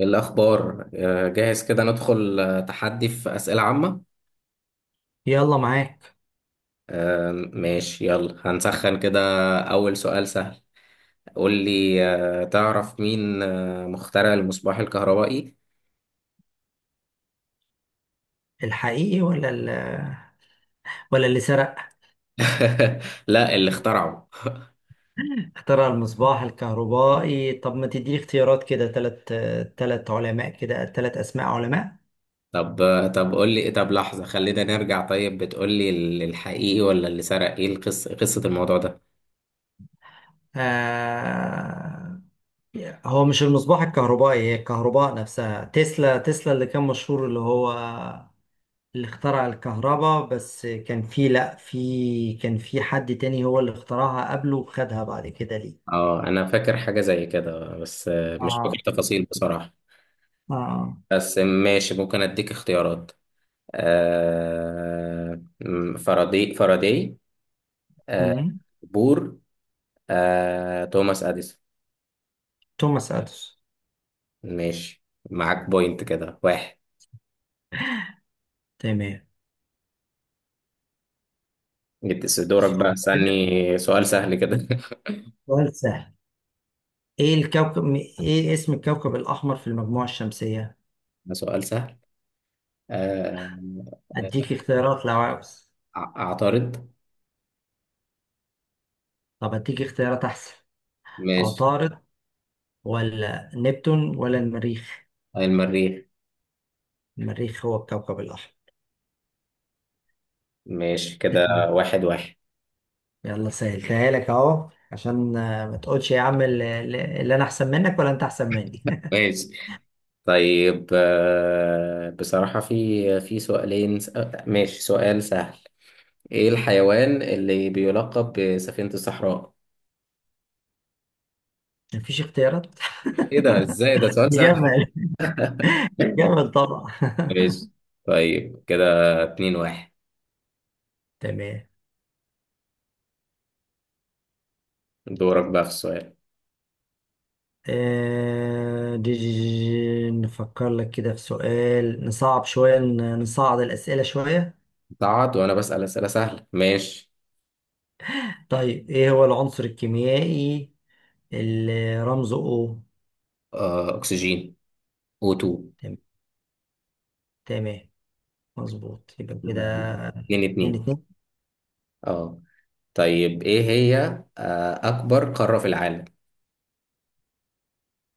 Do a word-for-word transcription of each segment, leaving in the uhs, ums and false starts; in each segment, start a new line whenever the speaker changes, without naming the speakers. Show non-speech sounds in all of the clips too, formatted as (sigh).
الأخبار آه، جاهز كده ندخل آه، تحدي في أسئلة عامة.
يلا معاك.
آه، ماشي، يلا هنسخن كده. أول سؤال سهل. قول لي آه، تعرف مين آه، مخترع المصباح الكهربائي؟
الحقيقي ولا ال... ولا اللي سرق.
(laughs) لا اللي اخترعه.
اخترع المصباح الكهربائي، طب ما تديني اختيارات كده تلات تلات علماء، كده تلات اسماء علماء.
طب آه، طب قول لي، طب لحظة خلينا نرجع. طيب بتقول لي ال- الحقيقي ولا اللي سرق، ايه القصة، قصة الموضوع ده؟
آه... هو مش المصباح الكهربائي، هي الكهرباء نفسها. تسلا تسلا اللي كان مشهور، اللي هو اللي اخترع الكهرباء، بس كان في لا في كان في حد تاني هو اللي اخترعها قبله وخدها بعد كده ليه.
اه انا فاكر حاجة زي كده، بس آه، مش فاكر
اه
تفاصيل بصراحة.
اه.
بس ماشي، ممكن اديك اختيارات. آه، م- فاراداي فاراداي آه،
مم.
بور. آه، توماس أديسون.
توماس اديسون.
ماشي، معاك بوينت كده واحد.
تمام.
جبت س- دورك بقى، استني سؤال سهل كده. (laughs)
سؤال سهل. ايه الكوكب م- ايه اسم الكوكب الاحمر في المجموعة الشمسية؟
ده سؤال سهل. آه،
اديك اختيارات لو عاوز.
أع- أعترض.
طب اديك اختيارات احسن.
ماشي.
عطارد ولا نبتون ولا المريخ؟
المريخ.
المريخ هو الكوكب الاحمر.
ماشي، كده واحد واحد.
يلا سهلتها لك اهو، عشان آه، ما تقولش يا عم اللي، اللي انا احسن منك ولا انت احسن مني.
ماشي. طيب آه، بصراحة في في سؤالين س- ماشي، سؤال سهل. ايه الحيوان اللي بيلقب بسفينة الصحراء؟
(laughs) مفيش اختيارات.
ايه ده، ازاي ده
(laughs)
سؤال سهل.
جمل. (laughs) جمل طبعا.
ماشي، طيب كده اتنين واحد.
(laughs) تمام.
دورك بقى في السؤال.
آه، دي- دي- دي- نفكر لك كده في سؤال نصعب شوية، ن- نصعد الأسئلة شوية.
تعاد وانا بسأل اسئلة سهلة، ماشي.
طيب، إيه هو العنصر الكيميائي اللي رمزه O؟
آه أكسجين، أو تو.
تم- تمام، مظبوط، يبقى كده
لا. اتنين
اتنين
اتنين.
اتنين
اه. طيب ايه هي آه أكبر قارة في العالم؟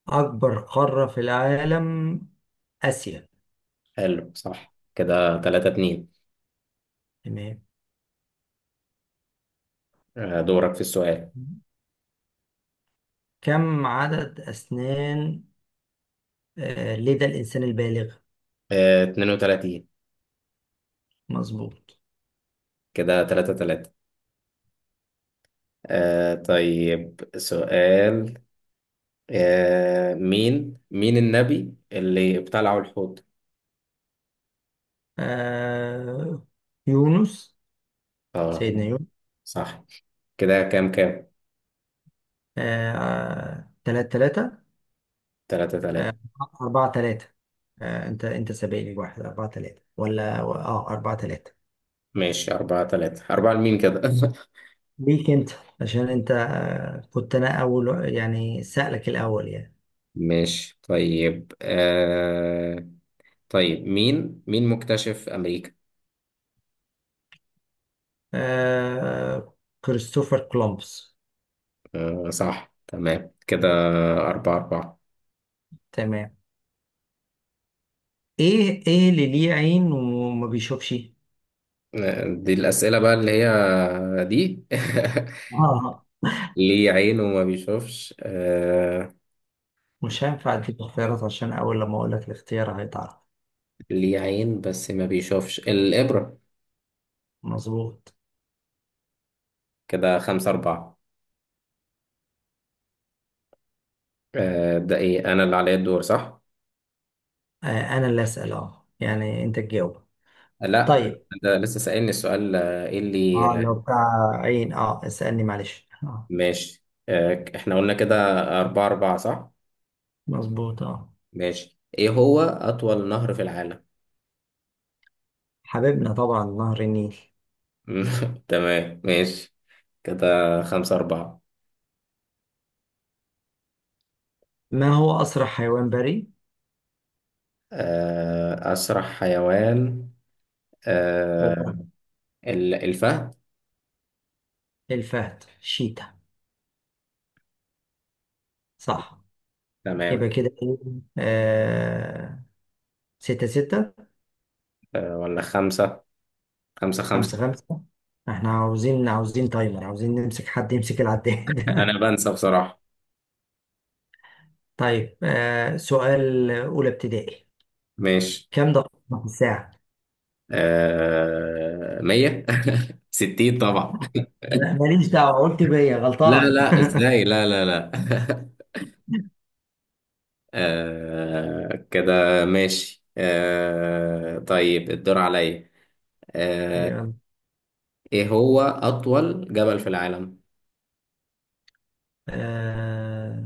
أكبر قارة في العالم؟ آسيا.
حلو، صح كده، تلاتة اتنين.
تمام.
آه دورك في السؤال.
كم عدد أسنان آه، لدى الإنسان البالغ؟
آه اتنين وتلاتين.
مظبوط.
كده تلاتة تلاتة. آه طيب سؤال، آه مين مين النبي اللي ابتلعه الحوت؟
آه، يونس.
اه
سيدنا.
صح، كده كام كام.
آه... تلاتة تلاتة.
تلاتة تلاتة.
أربعة تلاتة. آه... أنت أنت سابقني بواحد، أربعة تلاتة، ولا أه أربعة تلاتة؟
ماشي، أربعة تلاتة. أربعة لمين كده؟ (laughs)
ليك أنت، عشان أنت آه... كنت أنا أول يعني، سألك الأول يعني.
ماشي. طيب آه... طيب مين مين مكتشف أمريكا؟
آه... كريستوفر كولومبس.
آه صح، تمام، كده أربعة أربعة.
تمام. إيه إيه اللي ليه عين وما بيشوفش؟
آه، دي الأسئلة بقى اللي هي دي.
آه
(laughs) ليه عين وما بيشوفش؟ آه...
مش هينفع أديك اختيارات عشان أول لما أقول لك الاختيار هيتعرف.
ليه عين بس ما بيشوفش، الإبرة.
مظبوط.
كده خمسة أربعة. آه... ده إيه، أنا اللي عليا الدور صح؟
آه، أنا اللي أسأل، أه يعني أنت تجاوب.
لا
طيب،
ده لسه سألني السؤال. آه، ايه اللي
اه لو بتاع عين، اه اسألني معلش اه.
ماشي، آه، احنا قلنا كده أربعة أربعة صح؟
مظبوط اه.
ماشي، ايه هو أطول نهر في العالم؟
حبيبنا طبعا نهر النيل.
(laughs) تمام، ماشي كده خمسة أربعة.
ما هو أسرع حيوان بري؟
آه، أسرع حيوان، آه،
أوبا.
ال- الفهد.
الفهد شيتا، صح.
تمام.
يبقى كده ايه، آه ستة ستة.
آه، ولا خمسة خمسة خمسة.
خمسة خمسة. احنا عاوزين عاوزين تايمر، عاوزين نمسك حد يمسك
(laughs)
العداد.
أنا
(laughs)
بنسى بصراحة.
طيب، آه سؤال أولى ابتدائي.
ماشي.
كم دقيقة في الساعة؟
آه، مية (laughs) ستين طبعا.
ما- ماليش دعوة، قلت بيا
لا
غلطان.
لا، ازاي، لا لا لا. (laughs) آه كده ماشي. آه طيب الدور عليا.
(laughs)
آه
يلا.
ايه هو أطول جبل في العالم؟
آه،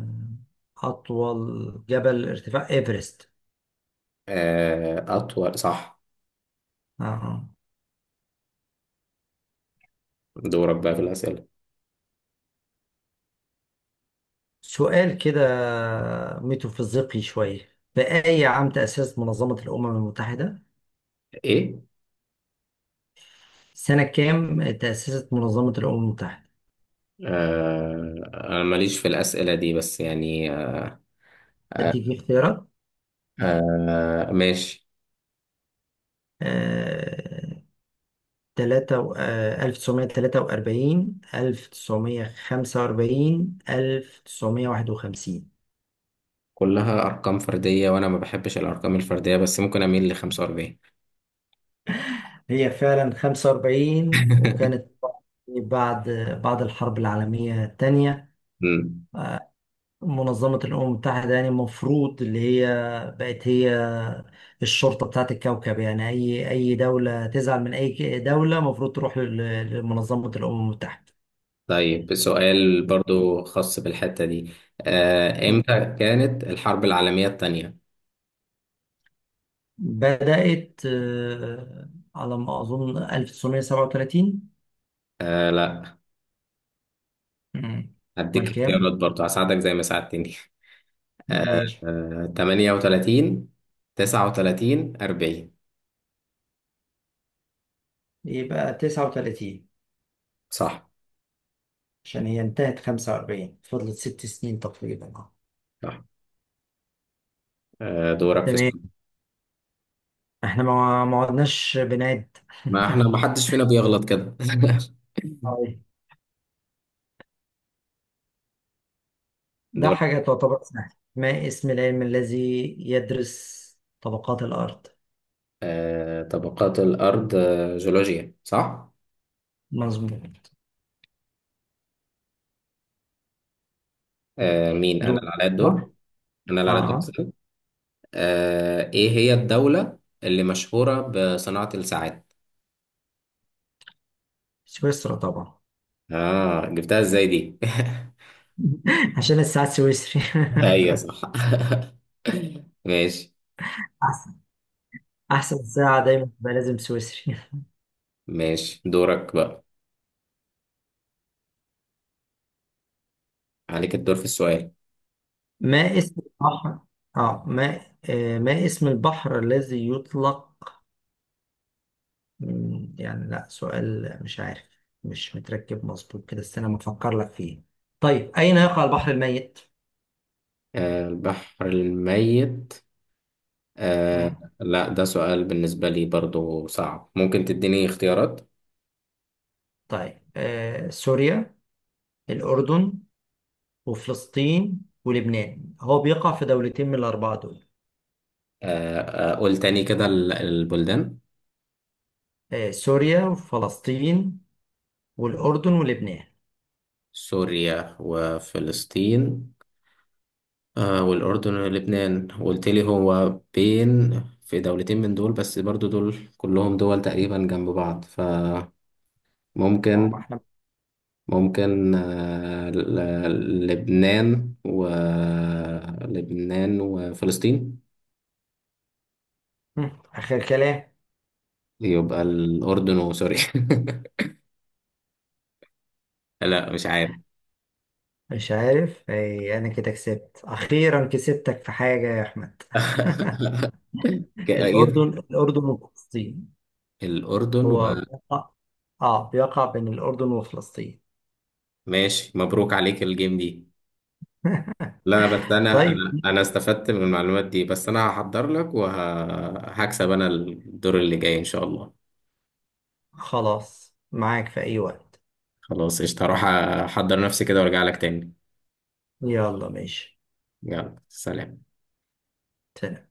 أطول جبل ارتفاع إيفرست.
آه أطول، صح.
آه.
دورك بقى في الأسئلة.
سؤال كده ميتافيزيقي شوية، في أي عام تأسست منظمة الأمم المتحدة؟
ايه؟
سنة كام تأسست منظمة الأمم المتحدة؟
آه أنا ماليش في الأسئلة دي، بس يعني آه،
أديك اختيارات.
آه ماشي.
آه، تلاتة و- آه، تلاتة وأربعين، ألف وتسعمية وخمسة وأربعين، واحد وخمسين.
كلها أرقام فردية، وأنا ما بحبش الأرقام الفردية، بس ممكن أميل ل خمسة وأربعين.
هي فعلا خمسة وأربعين، وكانت بعد بعد الحرب العالمية الثانية.
(laughs)
منظمة الأمم المتحدة يعني المفروض اللي هي بقت هي الشرطة بتاعت الكوكب، يعني أي أي دولة تزعل من أي ك- دولة المفروض تروح لل- لمنظمة الأمم المتحدة.
طيب سؤال برضو خاص بالحتة دي. آه، امتى كانت الحرب العالمية التانية؟
بدأت آه، على ما أظن سبعة وتلاتين.
آه لا.
مم. أمال
هديك اختيارات
كام؟
برضو، هساعدك زي ما ساعدتني. آه
ماشي.
آه تمنية وتلاتين تسعة وتلاتين أربعين.
يبقى تسعة وتلاتين،
صح.
عشان هي انتهت خمسة وأربعين، فضلت ست سنين تقريبا اه.
صح. آه دورك في
تمام.
السؤال.
احنا ما ما عدناش بنعد.
ما احنا ما حدش فينا بيغلط كده.
(laughs) طيب.
(laughs)
ده
دور.
حاجة تعتبر سهلة. ما اسم العلم الذي يدرس طبقات الأرض؟
آه طبقات الأرض، آه جيولوجيا صح؟
مظبوط.
آه مين؟ أنا
دول.
اللي عليا
تمام.
الدور؟ أنا اللي عليا الدور
اه،
أسأل. آه إيه هي الدولة اللي مشهورة بصناعة الساعات؟
سويسرا طبعا.
اه جبتها ازاي دي.
(laughs) عشان الساعة السويسري. (laughs)
(laughs) ايوه صح. (laughs) ماشي.
أحسن، أحسن ساعة دايما تبقى لازم سويسري.
ماشي دورك بقى، عليك الدور في السؤال.
ما اسم البحر اه ما آه، ما اسم البحر الذي يطلق. مم، يعني لا، سؤال مش عارف، مش متركب مظبوط كده، استنى ما افكر لك فيه. طيب، اين يقع البحر الميت؟
آه البحر الميت. آه
مم.
لا ده سؤال بالنسبة لي برضو صعب، ممكن تديني اختيارات.
طيب، آه سوريا، الاردن، وفلسطين، ولبنان. هو بيقع في دولتين من الاربعه دول.
آه آه قول تاني كده، ال- البلدان.
آه سوريا وفلسطين والاردن ولبنان.
سوريا وفلسطين آه والأردن ولبنان، قلت لي هو بين في دولتين من دول، بس برضو دول كلهم دول تقريبا جنب بعض.
اه
فممكن
ما احنا
ممكن آه، ل- ل- لبنان، ولبنان وفلسطين.
مم، اخر كلام.
يبقى الأردن وسوريا. (laughs) لا مش عارف.
مش عارف. آه انا كده كسبت اخيرا كسبتك في حاجه يا احمد.
(laughs)
(laughs) الاردن
كأير
الاردن وفلسطين.
الأردن.
هو اه بيقع بين الأردن وفلسطين.
وماشي، مبروك عليك الجيم دي. لا بس أنا
طيب،
أنا أنا استفدت من المعلومات دي، بس أنا هحضر لك وهكسب أنا الدور اللي جاي إن شاء الله.
خلاص، معاك في أي وقت.
خلاص قشطة، هروح أحضر نفسي كده وأرجع لك تاني.
يلا ماشي.
يلا سلام.
سلام.